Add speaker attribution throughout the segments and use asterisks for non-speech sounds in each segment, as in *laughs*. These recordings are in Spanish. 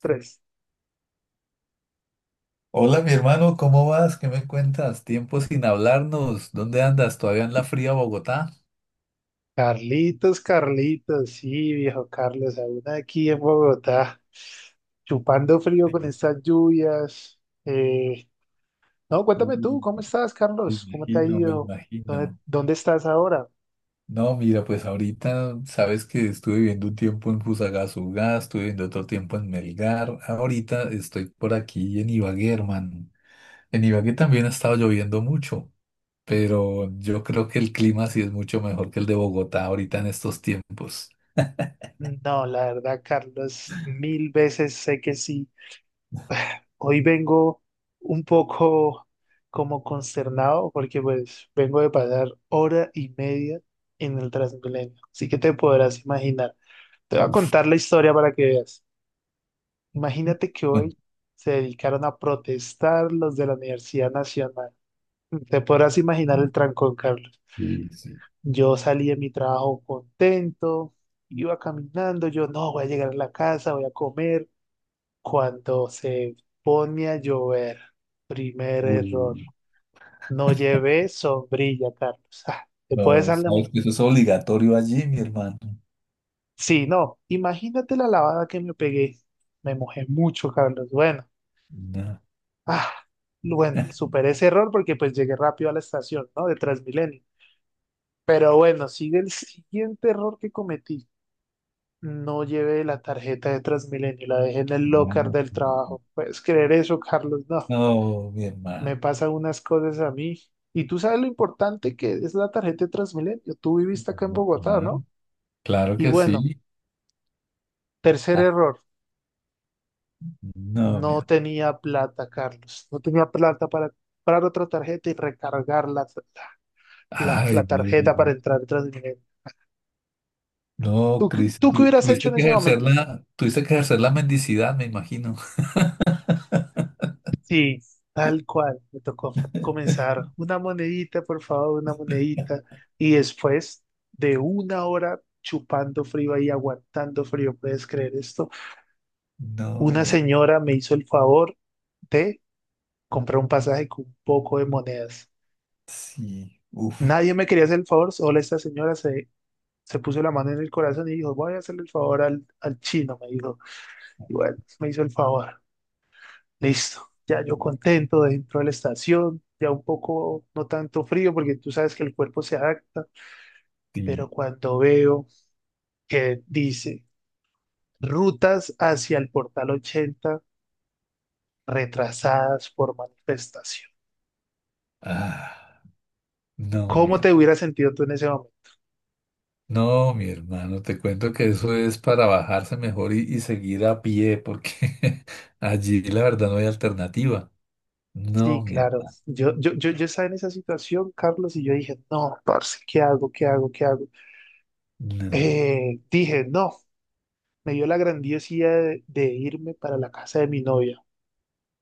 Speaker 1: Tres.
Speaker 2: Hola, mi hermano, ¿cómo vas? ¿Qué me cuentas? Tiempo sin hablarnos. ¿Dónde andas? ¿Todavía en la fría Bogotá?
Speaker 1: Carlitos, Carlitos, sí, viejo Carlos, aún aquí en Bogotá, chupando frío con estas lluvias. Eh, no,
Speaker 2: Uy,
Speaker 1: cuéntame tú, ¿cómo estás,
Speaker 2: me
Speaker 1: Carlos? ¿Cómo te ha
Speaker 2: imagino, me
Speaker 1: ido? ¿Dónde,
Speaker 2: imagino.
Speaker 1: dónde estás ahora?
Speaker 2: No, mira, pues ahorita sabes que estuve viviendo un tiempo en Fusagasugá, estuve viviendo otro tiempo en Melgar. Ahorita estoy por aquí en Ibagué, hermano. En Ibagué también ha estado lloviendo mucho, pero yo creo que el clima sí es mucho mejor que el de Bogotá ahorita en estos tiempos.
Speaker 1: No, la verdad, Carlos, mil veces sé que sí. Hoy vengo un poco como consternado porque pues vengo de pasar hora y media en el Transmilenio, así que te podrás imaginar. Te voy a contar la historia para que veas. Imagínate que
Speaker 2: Bueno,
Speaker 1: hoy se dedicaron a protestar los de la Universidad Nacional. Te podrás imaginar el trancón, Carlos.
Speaker 2: sí, sí.
Speaker 1: Yo salí de mi trabajo contento, iba caminando, yo no, voy a llegar a la casa, voy a comer. Cuando se pone a llover, primer error,
Speaker 2: Uy.
Speaker 1: no llevé sombrilla, Carlos. *laughs* Ah, ¿te puedes
Speaker 2: No,
Speaker 1: salir?
Speaker 2: Saúl, que eso es obligatorio allí, mi hermano.
Speaker 1: Sí, no, imagínate la lavada que me pegué. Me mojé mucho, Carlos. Bueno.
Speaker 2: No,
Speaker 1: Ah, bueno, superé ese error porque pues llegué rápido a la estación, ¿no? De Transmilenio. Pero bueno, sigue el siguiente error que cometí. No llevé la tarjeta de Transmilenio, la dejé en el locker
Speaker 2: claro.
Speaker 1: del trabajo. ¿Puedes creer eso, Carlos? No,
Speaker 2: No, mi
Speaker 1: me
Speaker 2: hermano.
Speaker 1: pasan unas cosas a mí. Y tú sabes lo importante que es la tarjeta de Transmilenio. Tú viviste acá en
Speaker 2: No,
Speaker 1: Bogotá,
Speaker 2: claro,
Speaker 1: ¿no?
Speaker 2: claro
Speaker 1: Y
Speaker 2: que
Speaker 1: bueno,
Speaker 2: sí.
Speaker 1: tercer
Speaker 2: Ah,
Speaker 1: error.
Speaker 2: no, mi
Speaker 1: No
Speaker 2: hermano.
Speaker 1: tenía plata, Carlos. No tenía plata para comprar otra tarjeta y recargarla. la,
Speaker 2: Ay,
Speaker 1: la
Speaker 2: no
Speaker 1: tarjeta para
Speaker 2: digo.
Speaker 1: entrar a Transmilenio.
Speaker 2: No,
Speaker 1: ¿Tú,
Speaker 2: Cris,
Speaker 1: tú qué hubieras hecho
Speaker 2: tuviste
Speaker 1: en
Speaker 2: que
Speaker 1: ese
Speaker 2: ejercer
Speaker 1: momento?
Speaker 2: la mendicidad, me imagino. *laughs*
Speaker 1: Sí, tal cual, me tocó comenzar una monedita, por favor, una monedita. Y después de una hora chupando frío ahí, aguantando frío, ¿puedes creer esto?
Speaker 2: No,
Speaker 1: Una
Speaker 2: mi hermano.
Speaker 1: señora me hizo el favor de comprar un pasaje con un poco de monedas.
Speaker 2: Sí, uf,
Speaker 1: Nadie me quería hacer el favor, solo esta señora se, se puso la mano en el corazón y dijo, voy a hacerle el favor al, al chino, me dijo. Y bueno, me hizo el favor. Listo, ya yo contento dentro de la estación, ya un poco, no tanto frío, porque tú sabes que el cuerpo se adapta, pero
Speaker 2: sí.
Speaker 1: cuando veo que dice rutas hacia el portal 80 retrasadas por manifestación,
Speaker 2: Ah, no, mi
Speaker 1: ¿cómo
Speaker 2: hermano.
Speaker 1: te hubiera sentido tú en ese momento?
Speaker 2: No, mi hermano, te cuento que eso es para bajarse mejor y seguir a pie, porque *laughs* allí la verdad no hay alternativa.
Speaker 1: Sí,
Speaker 2: No,
Speaker 1: claro,
Speaker 2: mierda.
Speaker 1: yo estaba en esa situación, Carlos, y yo dije, no, parce, ¿qué hago? ¿Qué hago? ¿Qué hago?
Speaker 2: No.
Speaker 1: Dije, no, me dio la grandiosidad de irme para la casa de mi novia.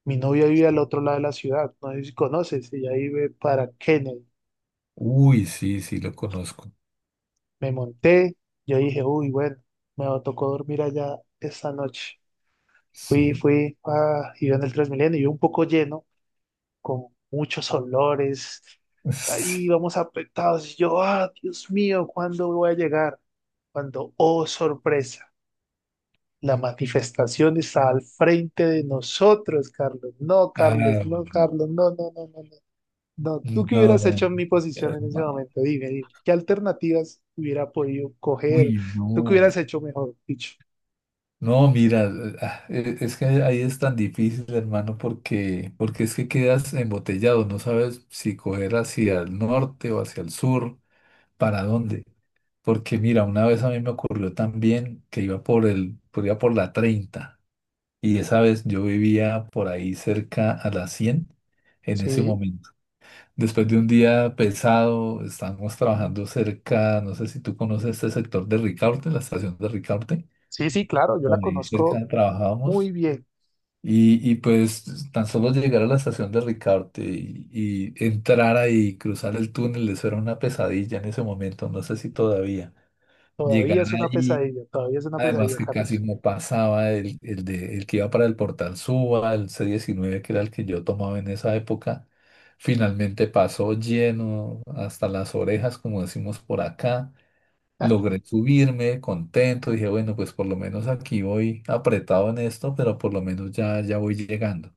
Speaker 1: Mi novia vive al otro lado de la ciudad, no sé si conoces, ella vive para Kennedy.
Speaker 2: Uy, sí, sí, lo conozco.
Speaker 1: Me monté, yo dije, uy, bueno, me tocó dormir allá esta noche. Fui,
Speaker 2: Sí.
Speaker 1: fui, ah, iba en el Transmilenio, iba un poco lleno, con muchos olores,
Speaker 2: *laughs* Sí.
Speaker 1: ahí vamos apretados. Y yo, ah, Dios mío, ¿cuándo voy a llegar? Cuando, oh, sorpresa, la manifestación está al frente de nosotros, Carlos. No, Carlos,
Speaker 2: Ah,
Speaker 1: no,
Speaker 2: no.
Speaker 1: Carlos, no, no, no, no, no. No, ¿tú qué hubieras
Speaker 2: No,
Speaker 1: hecho en mi
Speaker 2: mi
Speaker 1: posición en ese
Speaker 2: hermano.
Speaker 1: momento? Dime, dime, ¿qué alternativas hubiera podido coger?
Speaker 2: Uy,
Speaker 1: ¿Tú qué
Speaker 2: no. mi-
Speaker 1: hubieras hecho mejor, dicho?
Speaker 2: No, mira, es que ahí es tan difícil, hermano, porque es que quedas embotellado, no sabes si coger hacia el norte o hacia el sur, para dónde. Porque mira, una vez a mí me ocurrió también que iba por iba por la 30. Y esa vez yo vivía por ahí cerca a las 100 en ese
Speaker 1: Sí,
Speaker 2: momento. Después de un día pesado, estábamos trabajando cerca, no sé si tú conoces este sector de Ricaurte, la estación de Ricaurte,
Speaker 1: sí, sí, claro, yo la
Speaker 2: por ahí
Speaker 1: conozco
Speaker 2: cerca
Speaker 1: muy
Speaker 2: trabajábamos.
Speaker 1: bien.
Speaker 2: Y pues tan solo llegar a la estación de Ricaurte y entrar ahí, cruzar el túnel, eso era una pesadilla en ese momento, no sé si todavía. Llegar
Speaker 1: Todavía es una
Speaker 2: ahí.
Speaker 1: pesadilla, todavía es una pesadilla,
Speaker 2: Además que casi
Speaker 1: Carlos.
Speaker 2: no pasaba el que iba para el Portal Suba, el c 19 que era el que yo tomaba en esa época. Finalmente pasó lleno hasta las orejas, como decimos por acá.
Speaker 1: *laughs*
Speaker 2: Logré subirme contento. Dije, bueno, pues por lo menos aquí voy apretado en esto, pero por lo menos ya, ya voy llegando.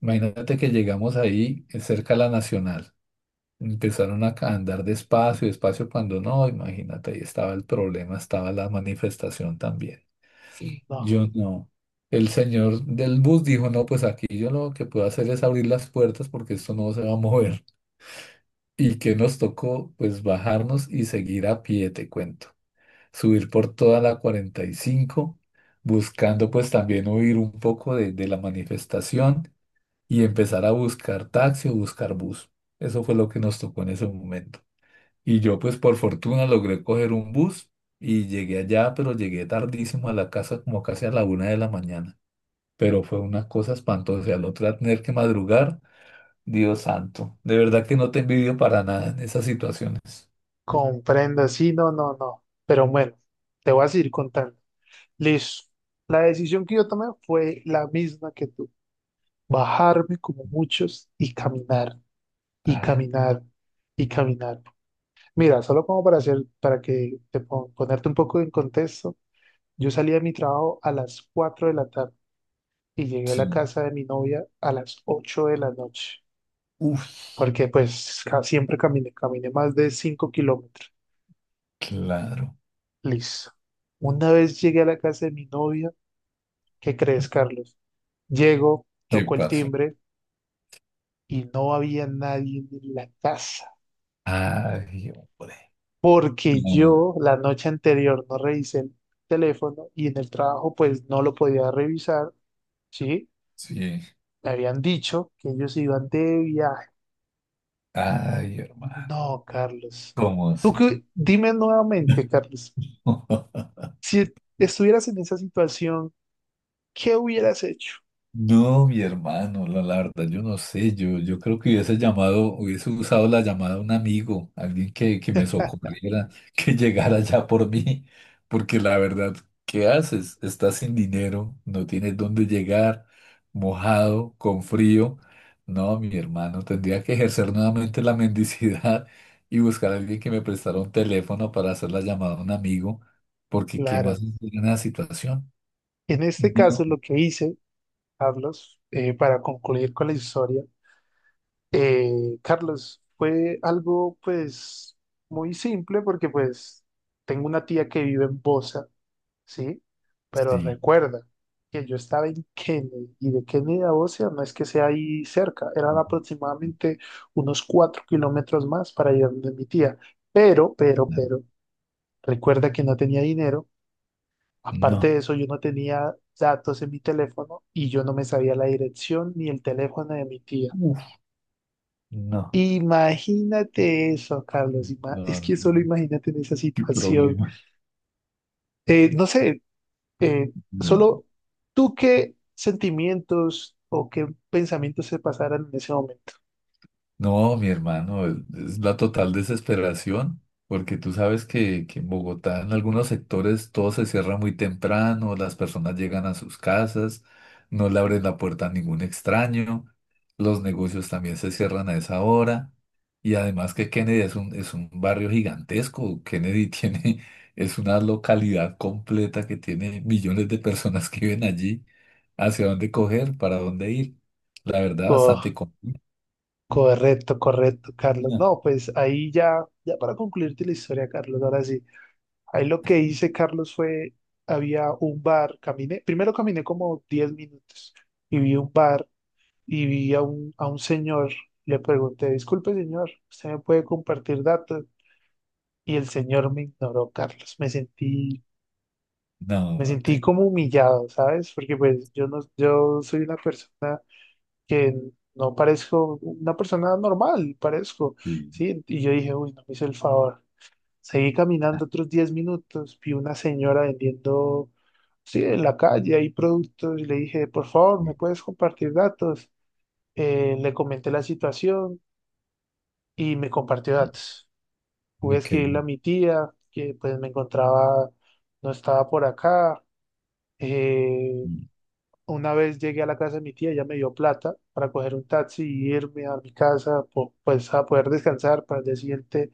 Speaker 2: Imagínate que llegamos ahí cerca de la Nacional. Empezaron a andar despacio, despacio cuando no, imagínate, ahí estaba el problema, estaba la manifestación también.
Speaker 1: No,
Speaker 2: Yo no. El señor del bus dijo, no, pues aquí yo lo que puedo hacer es abrir las puertas porque esto no se va a mover. Y que nos tocó, pues bajarnos y seguir a pie, te cuento. Subir por toda la 45 buscando pues también huir un poco de la manifestación y empezar a buscar taxi o buscar bus. Eso fue lo que nos tocó en ese momento. Y yo pues por fortuna logré coger un bus y llegué allá, pero llegué tardísimo a la casa como casi a la una de la mañana, pero fue una cosa espantosa. Y al otro día tener que madrugar, Dios santo. De verdad que no te envidio para nada en esas situaciones.
Speaker 1: comprendo, sí, no, no, no. Pero bueno, te voy a seguir contando. Listo. La decisión que yo tomé fue la misma que tú. Bajarme como muchos y caminar, y
Speaker 2: Ah,
Speaker 1: caminar, y caminar. Mira, solo como para hacer, para que te ponerte un poco en contexto, yo salí de mi trabajo a las 4 de la tarde y llegué a la
Speaker 2: sí.
Speaker 1: casa de mi novia a las 8 de la noche,
Speaker 2: Uf,
Speaker 1: porque pues siempre caminé, caminé más de 5 kilómetros.
Speaker 2: claro.
Speaker 1: Listo. Una vez llegué a la casa de mi novia, ¿qué crees, Carlos? Llego,
Speaker 2: ¿Qué
Speaker 1: toco el
Speaker 2: pasa?
Speaker 1: timbre y no había nadie en la casa,
Speaker 2: Ay, hombre.
Speaker 1: porque
Speaker 2: Ah,
Speaker 1: yo la noche anterior no revisé el teléfono y en el trabajo pues no lo podía revisar. ¿Sí?
Speaker 2: sí.
Speaker 1: Le habían dicho que ellos iban de viaje.
Speaker 2: Ay, hermano.
Speaker 1: No, Carlos.
Speaker 2: ¿Cómo
Speaker 1: Tú
Speaker 2: así?
Speaker 1: que, dime nuevamente, Carlos,
Speaker 2: *laughs*
Speaker 1: si estuvieras en esa situación, ¿qué hubieras hecho?
Speaker 2: No, mi hermano, la verdad, yo no sé, yo creo que hubiese llamado, hubiese usado la llamada a un amigo, que me socorriera, *laughs* que llegara ya por mí, porque la verdad, ¿qué haces? Estás sin dinero, no tienes dónde llegar, mojado, con frío. No, mi hermano, tendría que ejercer nuevamente la mendicidad *laughs* y buscar a alguien que me prestara un teléfono para hacer la llamada a un amigo, porque ¿qué
Speaker 1: Claro,
Speaker 2: más en la situación?
Speaker 1: en este
Speaker 2: No,
Speaker 1: caso lo que hice, Carlos, para concluir con la historia, eh, Carlos, fue algo pues muy simple porque pues tengo una tía que vive en Bosa, ¿sí? Pero
Speaker 2: sí.
Speaker 1: recuerda que yo estaba en Kennedy y de Kennedy a Bocia no es que sea ahí cerca, eran aproximadamente unos 4 kilómetros más para ir donde mi tía. Pero, pero,
Speaker 2: No,
Speaker 1: pero, recuerda que no tenía dinero. Aparte
Speaker 2: no.
Speaker 1: de eso, yo no tenía datos en mi teléfono y yo no me sabía la dirección ni el teléfono de mi tía.
Speaker 2: Uf, no,
Speaker 1: Imagínate eso, Carlos. Es
Speaker 2: no,
Speaker 1: que
Speaker 2: no.
Speaker 1: solo imagínate en esa
Speaker 2: Qué
Speaker 1: situación.
Speaker 2: problema.
Speaker 1: No sé, Eh,
Speaker 2: No.
Speaker 1: solo tú qué sentimientos o qué pensamientos se pasaran en ese momento.
Speaker 2: No, mi hermano, es la total desesperación, porque tú sabes que en Bogotá, en algunos sectores, todo se cierra muy temprano, las personas llegan a sus casas, no le abren la puerta a ningún extraño, los negocios también se cierran a esa hora, y además que Kennedy es un barrio gigantesco, Kennedy tiene, *laughs* es una localidad completa que tiene millones de personas que viven allí, hacia dónde coger, para dónde ir, la verdad,
Speaker 1: Oh,
Speaker 2: bastante común.
Speaker 1: correcto, correcto, Carlos. No, pues ahí ya, ya para concluirte la historia, Carlos, ahora sí. Ahí lo que hice, Carlos, fue, había un bar, caminé, primero caminé como 10 minutos y vi un bar y vi a un señor, le pregunté, disculpe, señor, ¿usted me puede compartir datos? Y el señor me ignoró, Carlos. Me sentí. Me
Speaker 2: No,
Speaker 1: sentí
Speaker 2: te...
Speaker 1: como humillado, ¿sabes? Porque pues yo no, yo soy una persona que no parezco una persona normal, parezco,
Speaker 2: Sí,
Speaker 1: ¿sí? Y yo dije, uy, no me hizo el favor. Seguí caminando otros 10 minutos, vi una señora vendiendo, sí, en la calle hay productos y le dije, por favor, ¿me
Speaker 2: sí,
Speaker 1: puedes compartir datos? Le comenté la situación y me compartió
Speaker 2: sí.
Speaker 1: datos. Pude
Speaker 2: Uy, qué
Speaker 1: escribirle a
Speaker 2: bien.
Speaker 1: mi tía, que pues me encontraba, no estaba por acá. Eh,
Speaker 2: Sí.
Speaker 1: Una vez llegué a la casa de mi tía, ella me dio plata para coger un taxi y irme a mi casa, pues a poder descansar para el día siguiente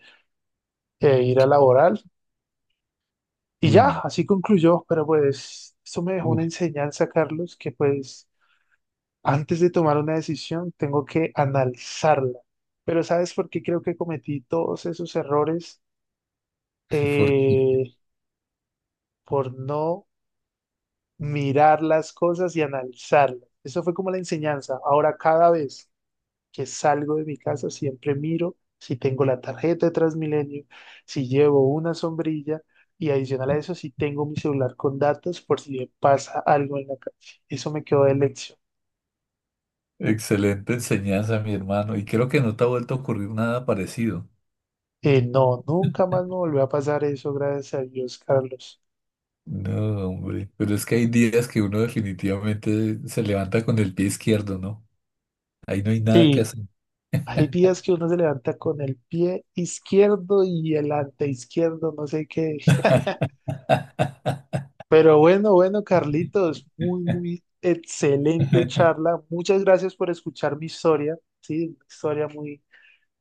Speaker 1: ir a laborar. Y ya,
Speaker 2: Uy,
Speaker 1: así concluyó, pero pues eso me dejó una
Speaker 2: uf.
Speaker 1: enseñanza, Carlos, que pues antes de tomar una decisión tengo que analizarla. Pero ¿sabes por qué creo que cometí todos esos errores?
Speaker 2: *laughs* Porque...
Speaker 1: Eh, por no mirar las cosas y analizarlas. Eso fue como la enseñanza. Ahora cada vez que salgo de mi casa, siempre miro si tengo la tarjeta de Transmilenio, si llevo una sombrilla y adicional a eso, si tengo mi celular con datos por si me pasa algo en la calle. Eso me quedó de lección.
Speaker 2: Excelente enseñanza, mi hermano. Y creo que no te ha vuelto a ocurrir nada parecido.
Speaker 1: No, nunca más me volvió a pasar eso, gracias a Dios, Carlos.
Speaker 2: No, hombre. Pero es que hay días que uno definitivamente se levanta con el pie izquierdo, ¿no? Ahí no hay nada que
Speaker 1: Sí,
Speaker 2: hacer.
Speaker 1: hay días que uno se levanta con el pie izquierdo y el ante izquierdo, no sé qué.
Speaker 2: *laughs*
Speaker 1: Pero bueno, bueno, Carlitos, muy, muy excelente charla. Muchas gracias por escuchar mi historia, sí, una historia muy,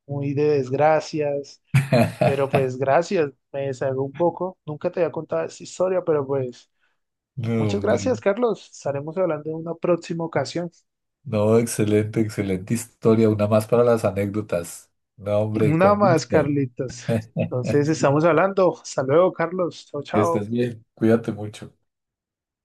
Speaker 1: muy de desgracias, pero pues gracias, me deshago un poco. Nunca te había contado esta historia, pero pues
Speaker 2: No,
Speaker 1: muchas
Speaker 2: hombre.
Speaker 1: gracias, Carlos. Estaremos hablando en una próxima ocasión.
Speaker 2: No, excelente, excelente historia. Una más para las anécdotas. No, hombre,
Speaker 1: Una
Speaker 2: con
Speaker 1: más,
Speaker 2: gusto.
Speaker 1: Carlitos. Entonces,
Speaker 2: *laughs*
Speaker 1: estamos hablando. Hasta luego, Carlos. Chao,
Speaker 2: Que
Speaker 1: chao.
Speaker 2: estés bien. Cuídate mucho.